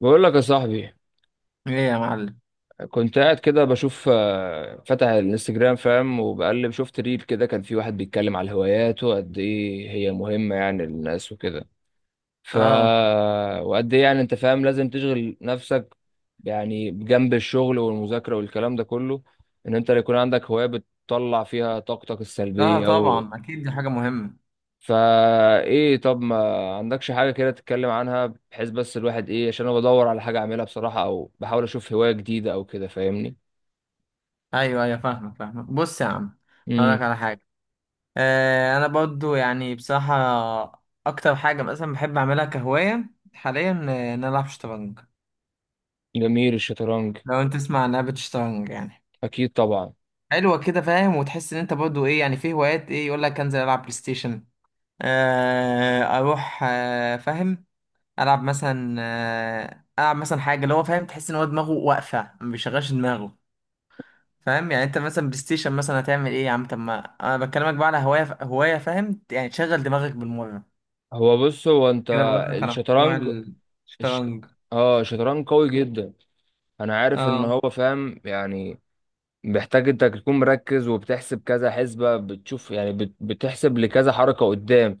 بقول لك يا صاحبي، ايه يا معلم. كنت قاعد كده بشوف، فتح الانستجرام فاهم، وبقلب شفت ريل كده. كان في واحد بيتكلم على الهوايات وقد ايه هي مهمة يعني للناس وكده. ف اه، وقد ايه يعني انت فاهم لازم تشغل نفسك، يعني بجنب الشغل والمذاكرة والكلام ده كله، ان انت يكون عندك هواية بتطلع فيها طاقتك اه، السلبية او. طبعا اكيد دي حاجه مهمه. فا ايه طب ما عندكش حاجة كده تتكلم عنها، بحيث بس الواحد ايه، عشان انا بدور على حاجة اعملها بصراحة، او بحاول اشوف هواية جديدة او كده فاهمني. ايوه، ايوه، فاهمك فاهمك، بص يا عم. هقول امم لك على حاجه. انا برضو يعني بصراحه اكتر حاجه مثلا بحب اعملها كهوايه حاليا، ان انا العب شطرنج. جميل الشطرنج. لو انت تسمع عن لعبه شطرنج يعني، اكيد طبعا. حلوه كده فاهم، وتحس ان انت برضو ايه، يعني في هوايات، ايه يقول لك انزل العب بلاي ستيشن. اروح، فاهم، العب مثلا العب مثلا حاجه اللي هو فاهم، تحس ان هو دماغه واقفه ما بيشغلش دماغه. فاهم يعني انت مثلا بلاي ستيشن مثلا هتعمل ايه يا عم؟ طب ما انا بكلمك بقى على هوايه، هوايه فاهم يعني تشغل دماغك بالمره. هو بص هو انت كده بقول لك على موضوع. الشطرنج. الش... الشطرنج. اه الشطرنج قوي جدا. انا عارف ان اه، هو فاهم يعني محتاج انت تكون مركز، وبتحسب كذا حسبة، بتشوف يعني، بتحسب لكذا حركة قدام،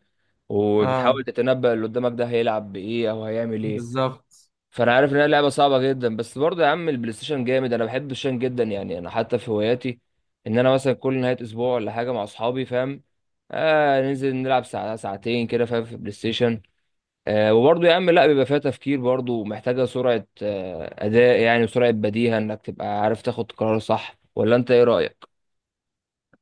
اه، وبتحاول تتنبأ اللي قدامك ده هيلعب بايه او هيعمل ايه. بالظبط. فانا عارف ان هي لعبه صعبه جدا، بس برضه يا عم البلاي ستيشن جامد. انا بحب الشن جدا، يعني انا حتى في هواياتي ان انا مثلا كل نهايه اسبوع ولا حاجه مع اصحابي فاهم، آه ننزل نلعب ساعه ساعتين كده فاهم في البلاي ستيشن. آه وبرضه يا عم لا، بيبقى فيها تفكير برضه، ومحتاجه سرعه آه اداء يعني، وسرعه بديهه انك تبقى عارف تاخد قرار صح، ولا انت ايه رايك؟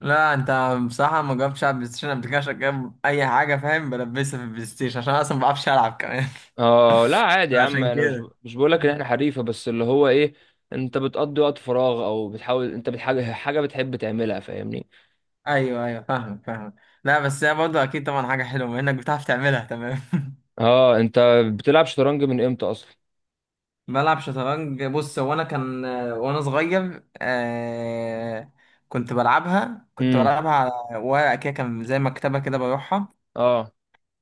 لا انت، بصراحه ما جربتش العب بلاي ستيشن قبل كده، عشان كده اي حاجه فاهم بلبسها في البلاي ستيشن، عشان انا اصلا ما بعرفش العب كمان. اه لا عادي يا عم، عشان انا مش كده. مش بقول لك ان احنا حريفه، بس اللي هو ايه، انت بتقضي وقت فراغ، او بتحاول انت بتحاجه حاجه بتحب تعملها فاهمني. ايوه، ايوه، فاهم فاهم. لا بس هي برضه اكيد طبعا حاجه حلوه بما انك بتعرف تعملها، تمام. اه انت بتلعب شطرنج من امتى اصلا؟ بلعب شطرنج، بص هو انا كان، وانا صغير، كنت بلعبها كنت امم بلعبها على ورقه كده، كان زي مكتبه كده بروحها. اه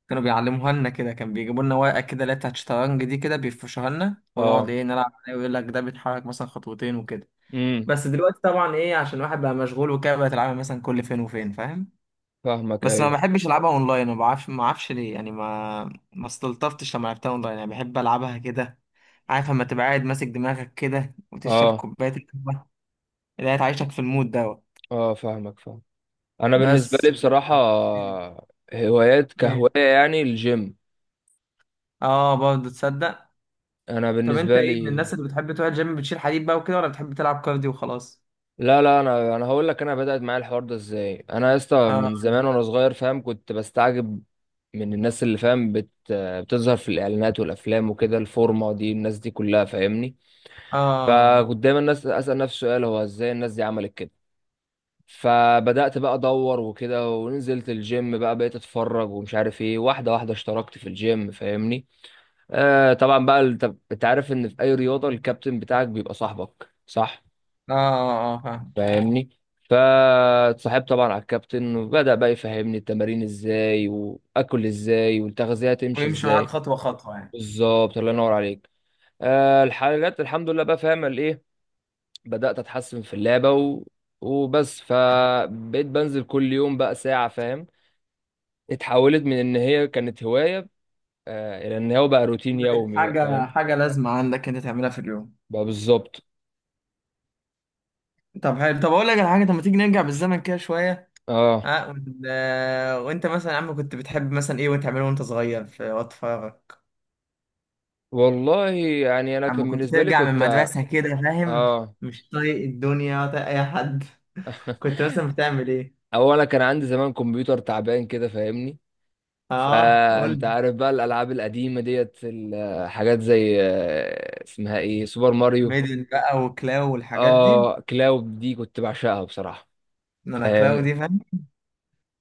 كانوا بيعلموها لنا كده، كان بيجيبوا لنا ورقه كده اللي هي بتاعت الشطرنج دي، كده بيفرشوها لنا ونقعد اه. ايه نلعب عليها، ويقول لك ده بيتحرك مثلا خطوتين وكده. امم. بس دلوقتي طبعا ايه، عشان الواحد بقى مشغول وكده، بقت العبها مثلا كل فين وفين فاهم. فاهمك بس ما ايوه. بحبش العبها اونلاين، ما اعرفش ليه يعني، ما، ما استلطفتش لما لعبتها اونلاين، يعني بحب العبها كده، عارف، لما تبقى قاعد ماسك دماغك كده وتشرب اه كوبايه القهوه اللي هي تعيشك في المود دوت. اه. فاهمك فاهم. انا بالنسبه بس. لي بصراحه، ايه. هوايات ايه، كهوايه يعني الجيم. اه، برضه تصدق. انا طب انت بالنسبه ايه، من لي، الناس اللي بتحب تروح الجيم بتشيل حديد بقى وكده، ولا بتحب تلعب كارديو وخلاص؟ لا لا، انا هقول لك انا بدات معايا الحوار ده ازاي. انا يا اسطى اه، من زمان وانا صغير فاهم، كنت بستعجب من الناس اللي فاهم بتظهر في الاعلانات والافلام وكده، الفورمه دي الناس دي كلها فاهمني. اه، فكنت دايما الناس اسال نفسي سؤال، هو ازاي الناس دي عملت كده؟ فبدأت بقى ادور وكده، ونزلت الجيم بقى، بقيت اتفرج ومش عارف ايه، واحده واحده اشتركت في الجيم فاهمني. آه طبعا بقى طب انت عارف ان في اي رياضه الكابتن بتاعك بيبقى صاحبك صح؟ اه، اه، فاهم، فاهمني. فاتصاحبت طبعا على الكابتن، وبدأ بقى يفهمني التمارين ازاي، واكل ازاي، والتغذيه تمشي ويمشي معاك ازاي. خطوه خطوه يعني. بالظبط الله ينور عليك. آه الحلقات الحمد لله بقى فاهم الايه، بدأت اتحسن في اللعبه وبس، فبقيت بنزل كل يوم بقى ساعه فاهم. اتحولت من ان هي كانت هوايه، آه الى ان هو بقى روتين بقت يومي بقى حاجه فاهم. حاجه لازمه عندك انت تعملها في اليوم. بقى بالظبط. طب حلو، طب اقول لك على حاجه، طب ما تيجي نرجع بالزمن كده شويه. اه ها، وانت مثلا يا عم كنت بتحب مثلا ايه وانت تعمله وانت صغير في وقت فراغك؟ والله يعني انا عم كان كنت بالنسبه لي ترجع من كنت، المدرسة كده فاهم، اه مش طايق الدنيا ولا طايق اي حد، كنت مثلا بتعمل ايه؟ اولا كان عندي زمان كمبيوتر تعبان كده فاهمني. اه، قول فانت لي. عارف بقى الالعاب القديمه ديت، الحاجات زي آه اسمها ايه، سوبر ماريو. ميدل بقى وكلاو والحاجات دي. اه كلاود دي كنت بعشقها بصراحه. إن انا كلاو فاهم، دي فاهم.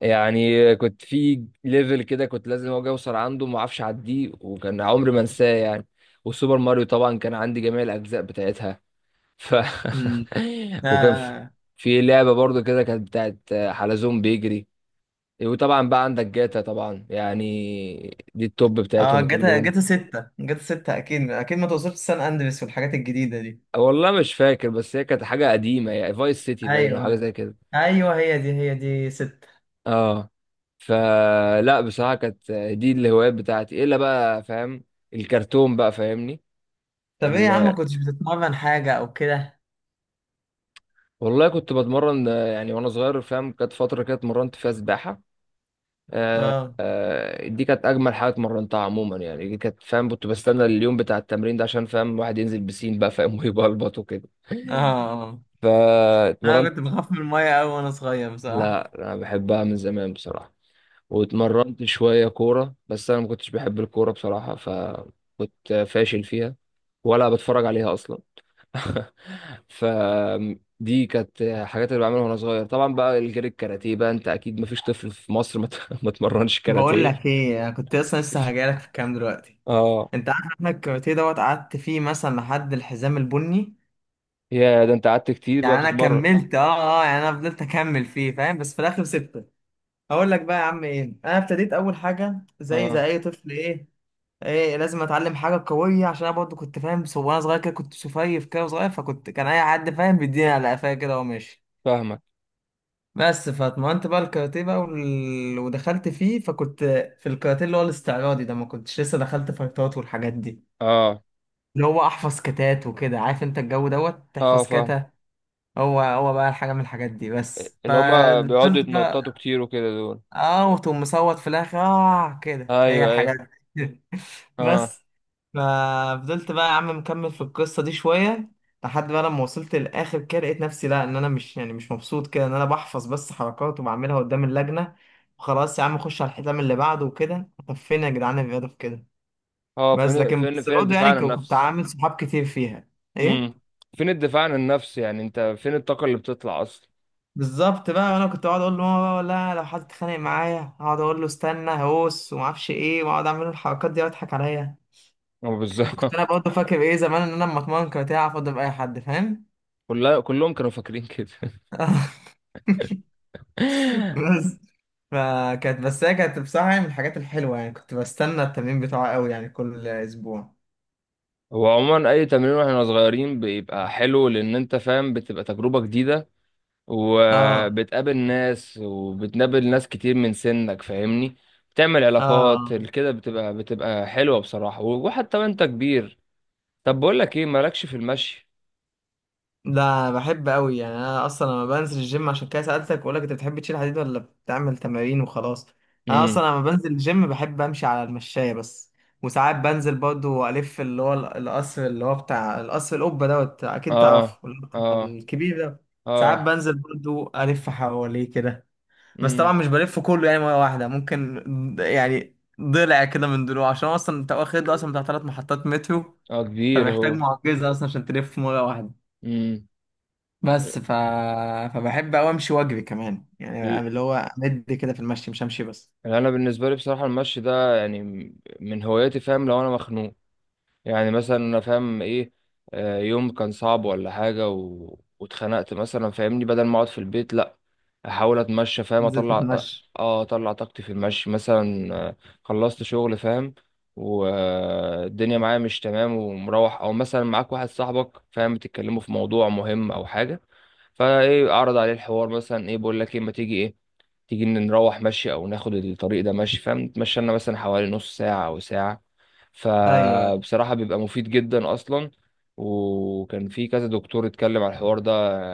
يعني كنت في ليفل كده كنت لازم اجي اوصل عنده، ما اعرفش اعديه، وكان عمري ما انساه يعني. وسوبر ماريو طبعا كان عندي جميع الاجزاء بتاعتها. ف امم. وكان في اه، في لعبه برضو كده كانت بتاعت حلزون بيجري. وطبعا بقى عندك جاتا طبعا، يعني دي التوب اه، بتاعتهم جاتا كلهم. جاتا 6 جاتا 6، اكيد اكيد، ما توصلش سان اندريس والحاجات الجديدة دي. والله مش فاكر، بس هي كانت حاجه قديمه، يعني فايس سيتي باين أو ايوه، حاجه ايوه. زي كده. ايوه، هي دي 6. اه. فلا بصراحه كانت دي الهوايات بتاعتي، الا بقى فاهم الكرتون بقى فاهمني. طب ايه يا ال... عم، كنتش بتتمرن حاجة او كده؟ والله كنت بتمرن، يعني وانا صغير فاهم كانت فتره كده اتمرنت فيها سباحه. آه، اه، دي كانت اجمل حاجه اتمرنتها عموما يعني، دي كانت فاهم كنت بستنى اليوم بتاع التمرين ده، عشان فاهم الواحد ينزل بسين بقى فاهم، ويبلبط وكده. اه، آه. انا فاتمرنت. كنت بخاف من الميه قوي وانا صغير لا بصراحه. انا بحبها من زمان بصراحه. واتمرنت شويه كوره، بس انا ما كنتش بحب الكوره بصراحه، فكنت فاشل فيها، ولا بتفرج عليها اصلا. فدي كانت حاجات اللي بعملها وانا صغير. طبعا بقى الجري، الكاراتيه بقى، انت اكيد ما فيش طفل في مصر ما ما اتمرنش بقول كاراتيه. لك ايه، انا كنت اصلا لسه هجيلك في الكلام دلوقتي. اه انت عارف احنا الكاراتيه دوت قعدت فيه مثلا لحد الحزام البني. يا ده انت قعدت كتير بقى يعني انا بتتمرن. كملت، يعني انا فضلت اكمل فيه فاهم، بس في الاخر سبته. هقول لك بقى يا عم ايه، انا ابتديت اول حاجه زي اه اي طفل، ايه، ايه لازم اتعلم حاجه قويه، عشان انا برضه كنت فاهم، وانا صغير كده كنت سفيف كده وصغير، فكنت، كان اي حد فاهم بيديني على قفايا كده وماشي. فاهمك. بس فاتمرنت بقى الكاراتيه بقى، ودخلت فيه فكنت، في الكاراتيه اللي هو الاستعراضي ده، ما كنتش لسه دخلت فايتات والحاجات دي. اه اللي هو احفظ كتات وكده، عارف انت الجو دوت اه تحفظ فاهم. كاتا. هو بقى حاجه من الحاجات دي، بس اللي هما بيقعدوا فدخلت يتنططوا بقى. كتير وكده دول. اه، وتقوم مصوت في الاخر، اه كده هي ايوه ايوه. الحاجات دي. اه بس. ففضلت بقى يا عم مكمل في القصه دي شويه، لحد بقى لما وصلت للاخر كده لقيت نفسي، لا ان انا مش يعني مش مبسوط كده ان انا بحفظ بس حركات وبعملها قدام اللجنه، وخلاص يا عم خش على الحزام اللي بعده وكده، طب فين يا جدعان الرياضه في كده؟ اه. بس فين لكن، فين بس فين برضه الدفاع يعني عن كنت النفس؟ عامل صحاب كتير فيها. ايه. امم. فين الدفاع عن النفس، يعني انت فين الطاقة اللي بتطلع اصلا؟ بالظبط بقى، انا كنت اقعد اقول له "آه، آه، آه، لا، لو حد اتخانق معايا اقعد اقول له استنى، هوس وما اعرفش ايه، واقعد اعمل له الحركات دي واضحك عليا. اه بالظبط. كنت انا برضه فاكر ايه زمان ان انا لما اتمرن كاراتيه اعرف اضرب اي حد فاهم. كلها كلهم كانوا فاكرين كده. بس. فكانت، بس هي كانت بصراحه يعني من الحاجات الحلوه، يعني كنت بستنى التمرين بتاعه قوي يعني كل اسبوع. هو عموما اي تمرين واحنا صغيرين بيبقى حلو، لان انت فاهم بتبقى تجربة جديدة، اه، وبتقابل ناس، وبتقابل ناس كتير من سنك فاهمني. بتعمل علاقات اه، كده، بتبقى بتبقى حلوة بصراحة، وحتى وانت كبير. طب بقول لك ايه، مالكش في المشي؟ ده بحب قوي يعني، انا اصلا لما بنزل الجيم عشان كده سالتك بقول لك انت بتحب تشيل حديد ولا بتعمل تمارين وخلاص. انا اصلا امم. لما بنزل الجيم بحب امشي على المشايه بس. وساعات بنزل برضو الف، اللي هو القصر اللي هو بتاع القصر القبه دوت اكيد اه تعرفه، اللي هو بتاع اه الكبير ده. ساعات اه. بنزل برضو الف حواليه كده. بس امم. طبعا مش بلف كله يعني، مره واحده ممكن، يعني ضلع كده من ضلوع، عشان اصلا انت واخد له اصلا بتاع 3 محطات مترو. اه كبير فمحتاج هو. معجزه اصلا عشان تلف مره واحده. امم. بس ف... فبحب أوي أمشي وأجري كمان، ال- يعني اللي هو أمد كده في المشي مش أمشي بس. انا بالنسبه لي بصراحه المشي ده يعني من هواياتي فاهم. لو انا مخنوق، يعني مثلا انا فاهم ايه، يوم كان صعب ولا حاجه واتخنقت مثلا فاهمني، بدل ما اقعد في البيت لا، احاول اتمشى فاهم، تنزل اطلع اه، تتمشى. اطلع طاقتي في المشي مثلا. خلصت شغل فاهم، والدنيا معايا مش تمام، ومروح، او مثلا معاك واحد صاحبك فاهم بتتكلموا في موضوع مهم او حاجه، فايه اعرض عليه الحوار مثلا، ايه بقول لك ايه، ما تيجي ايه، تيجي إن نروح مشي، او ناخد الطريق ده مشي فاهم، نتمشى لنا مثلا حوالي نص ساعة او ساعة. أيوه. فبصراحة بيبقى مفيد جدا اصلا. وكان في كذا دكتور اتكلم على الحوار ده،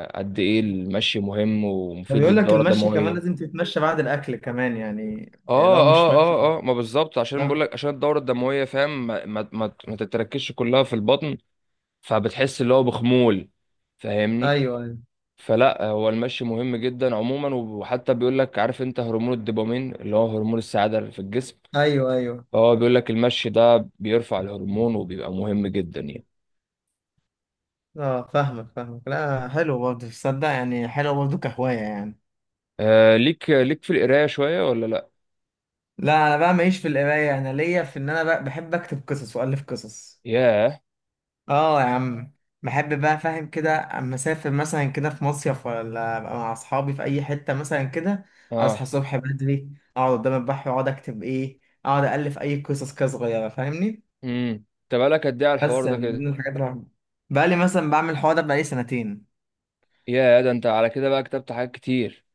قد ايه المشي مهم ده ومفيد بيقول لك للدورة المشي كمان الدموية. لازم تتمشى بعد الأكل كمان يعني. يعني اه لو اه مش ماشي. اه اه، ما بالظبط، عشان بقول أه. لك عشان الدورة الدموية فاهم، ما تتركزش كلها في البطن، فبتحس اللي هو بخمول فاهمني. أيوه، أيوه، فلا هو المشي مهم جدا عموما، وحتى بيقول لك، عارف انت هرمون الدوبامين اللي هو هرمون السعادة اللي في الجسم؟ أيوه، أيوه. اه بيقول لك المشي ده بيرفع الهرمون، وبيبقى مهم جدا يعني. أه، فاهمك فاهمك. لا حلو برضه تصدق، يعني حلو برضه كهواية يعني. آه ليك في القرايه شويه ولا لا؟ لا أنا بقى ماليش في القراية، أنا ليا في إن أنا بقى بحب أكتب قصص وألف قصص. ياه. اه يا عم. بحب بقى فاهم كده، اما اسافر مثلا كده في مصيف، ولا ابقى مع اصحابي في اي حته مثلا كده، اصحى اه. الصبح بدري، اقعد قدام البحر واقعد اكتب ايه، اقعد الف اي قصص كده صغيره فاهمني. امم. انت بقالك قد ايه على الحوار بس ده من كده؟ ضمن الحاجات اللي بقى لي مثلا بعمل الحوار ده، بقى لي سنتين. ياه، ده انت على كده بقى كتبت حاجات كتير.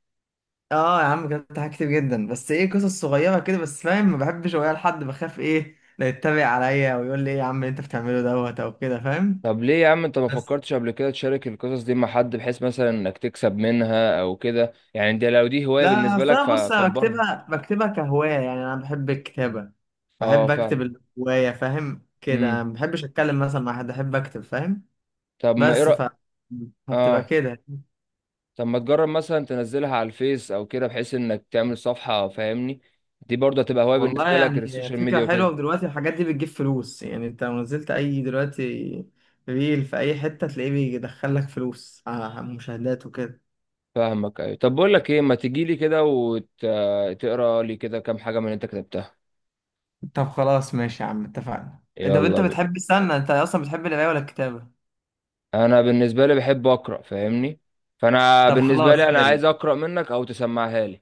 اه يا عم، كتبت حاجات كتير جدا، بس ايه قصص صغيره كده بس فاهم، ما بحبش اقولها لحد، بخاف ايه، لا يتبع عليا ويقول لي ايه يا عم اللي انت بتعمله دوت او كده فاهم. طب ليه يا عم انت ما بس فكرتش قبل كده تشارك القصص دي مع حد، بحيث مثلا انك تكسب منها او كده؟ يعني دي لو دي هوايه لا بالنسبه أصل لك أنا، بص أنا فكبرها. بكتبها كهواية، يعني أنا بحب الكتابة، اه بحب أكتب. فاهم. الهواية فاهم كده، أنا امم. ما بحبش أتكلم مثلا مع حد، أحب أكتب فاهم. طب ما ايه بس فبتبقى اه كده. طب ما تجرب مثلا تنزلها على الفيس او كده، بحيث انك تعمل صفحة فاهمني. دي برضه هتبقى هواية والله بالنسبة لك، يعني السوشيال فكرة ميديا حلوة، وكده. ودلوقتي الحاجات دي بتجيب فلوس، يعني أنت لو نزلت أي دلوقتي ريل في أي حتة تلاقيه بيدخلك فلوس على مشاهدات وكده. فاهمك ايوه. طب بقول لك ايه، ما تيجي لي كده وتقرا لي كده كام حاجة من اللي انت كتبتها؟ طب خلاص ماشي يا عم اتفقنا. أنت يلا بينا. بتحب، استنى، أنت أصلا بتحب القراية ولا الكتابة؟ انا بالنسبة لي بحب اقرا فاهمني. فانا طب بالنسبة خلاص لي انا حلو، عايز اقرا منك او تسمعها لي.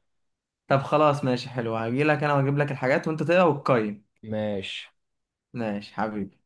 طب خلاص ماشي حلو، هجيلك انا واجيب لك الحاجات وانت تقرا وتقيم. ماشي. ماشي حبيبي.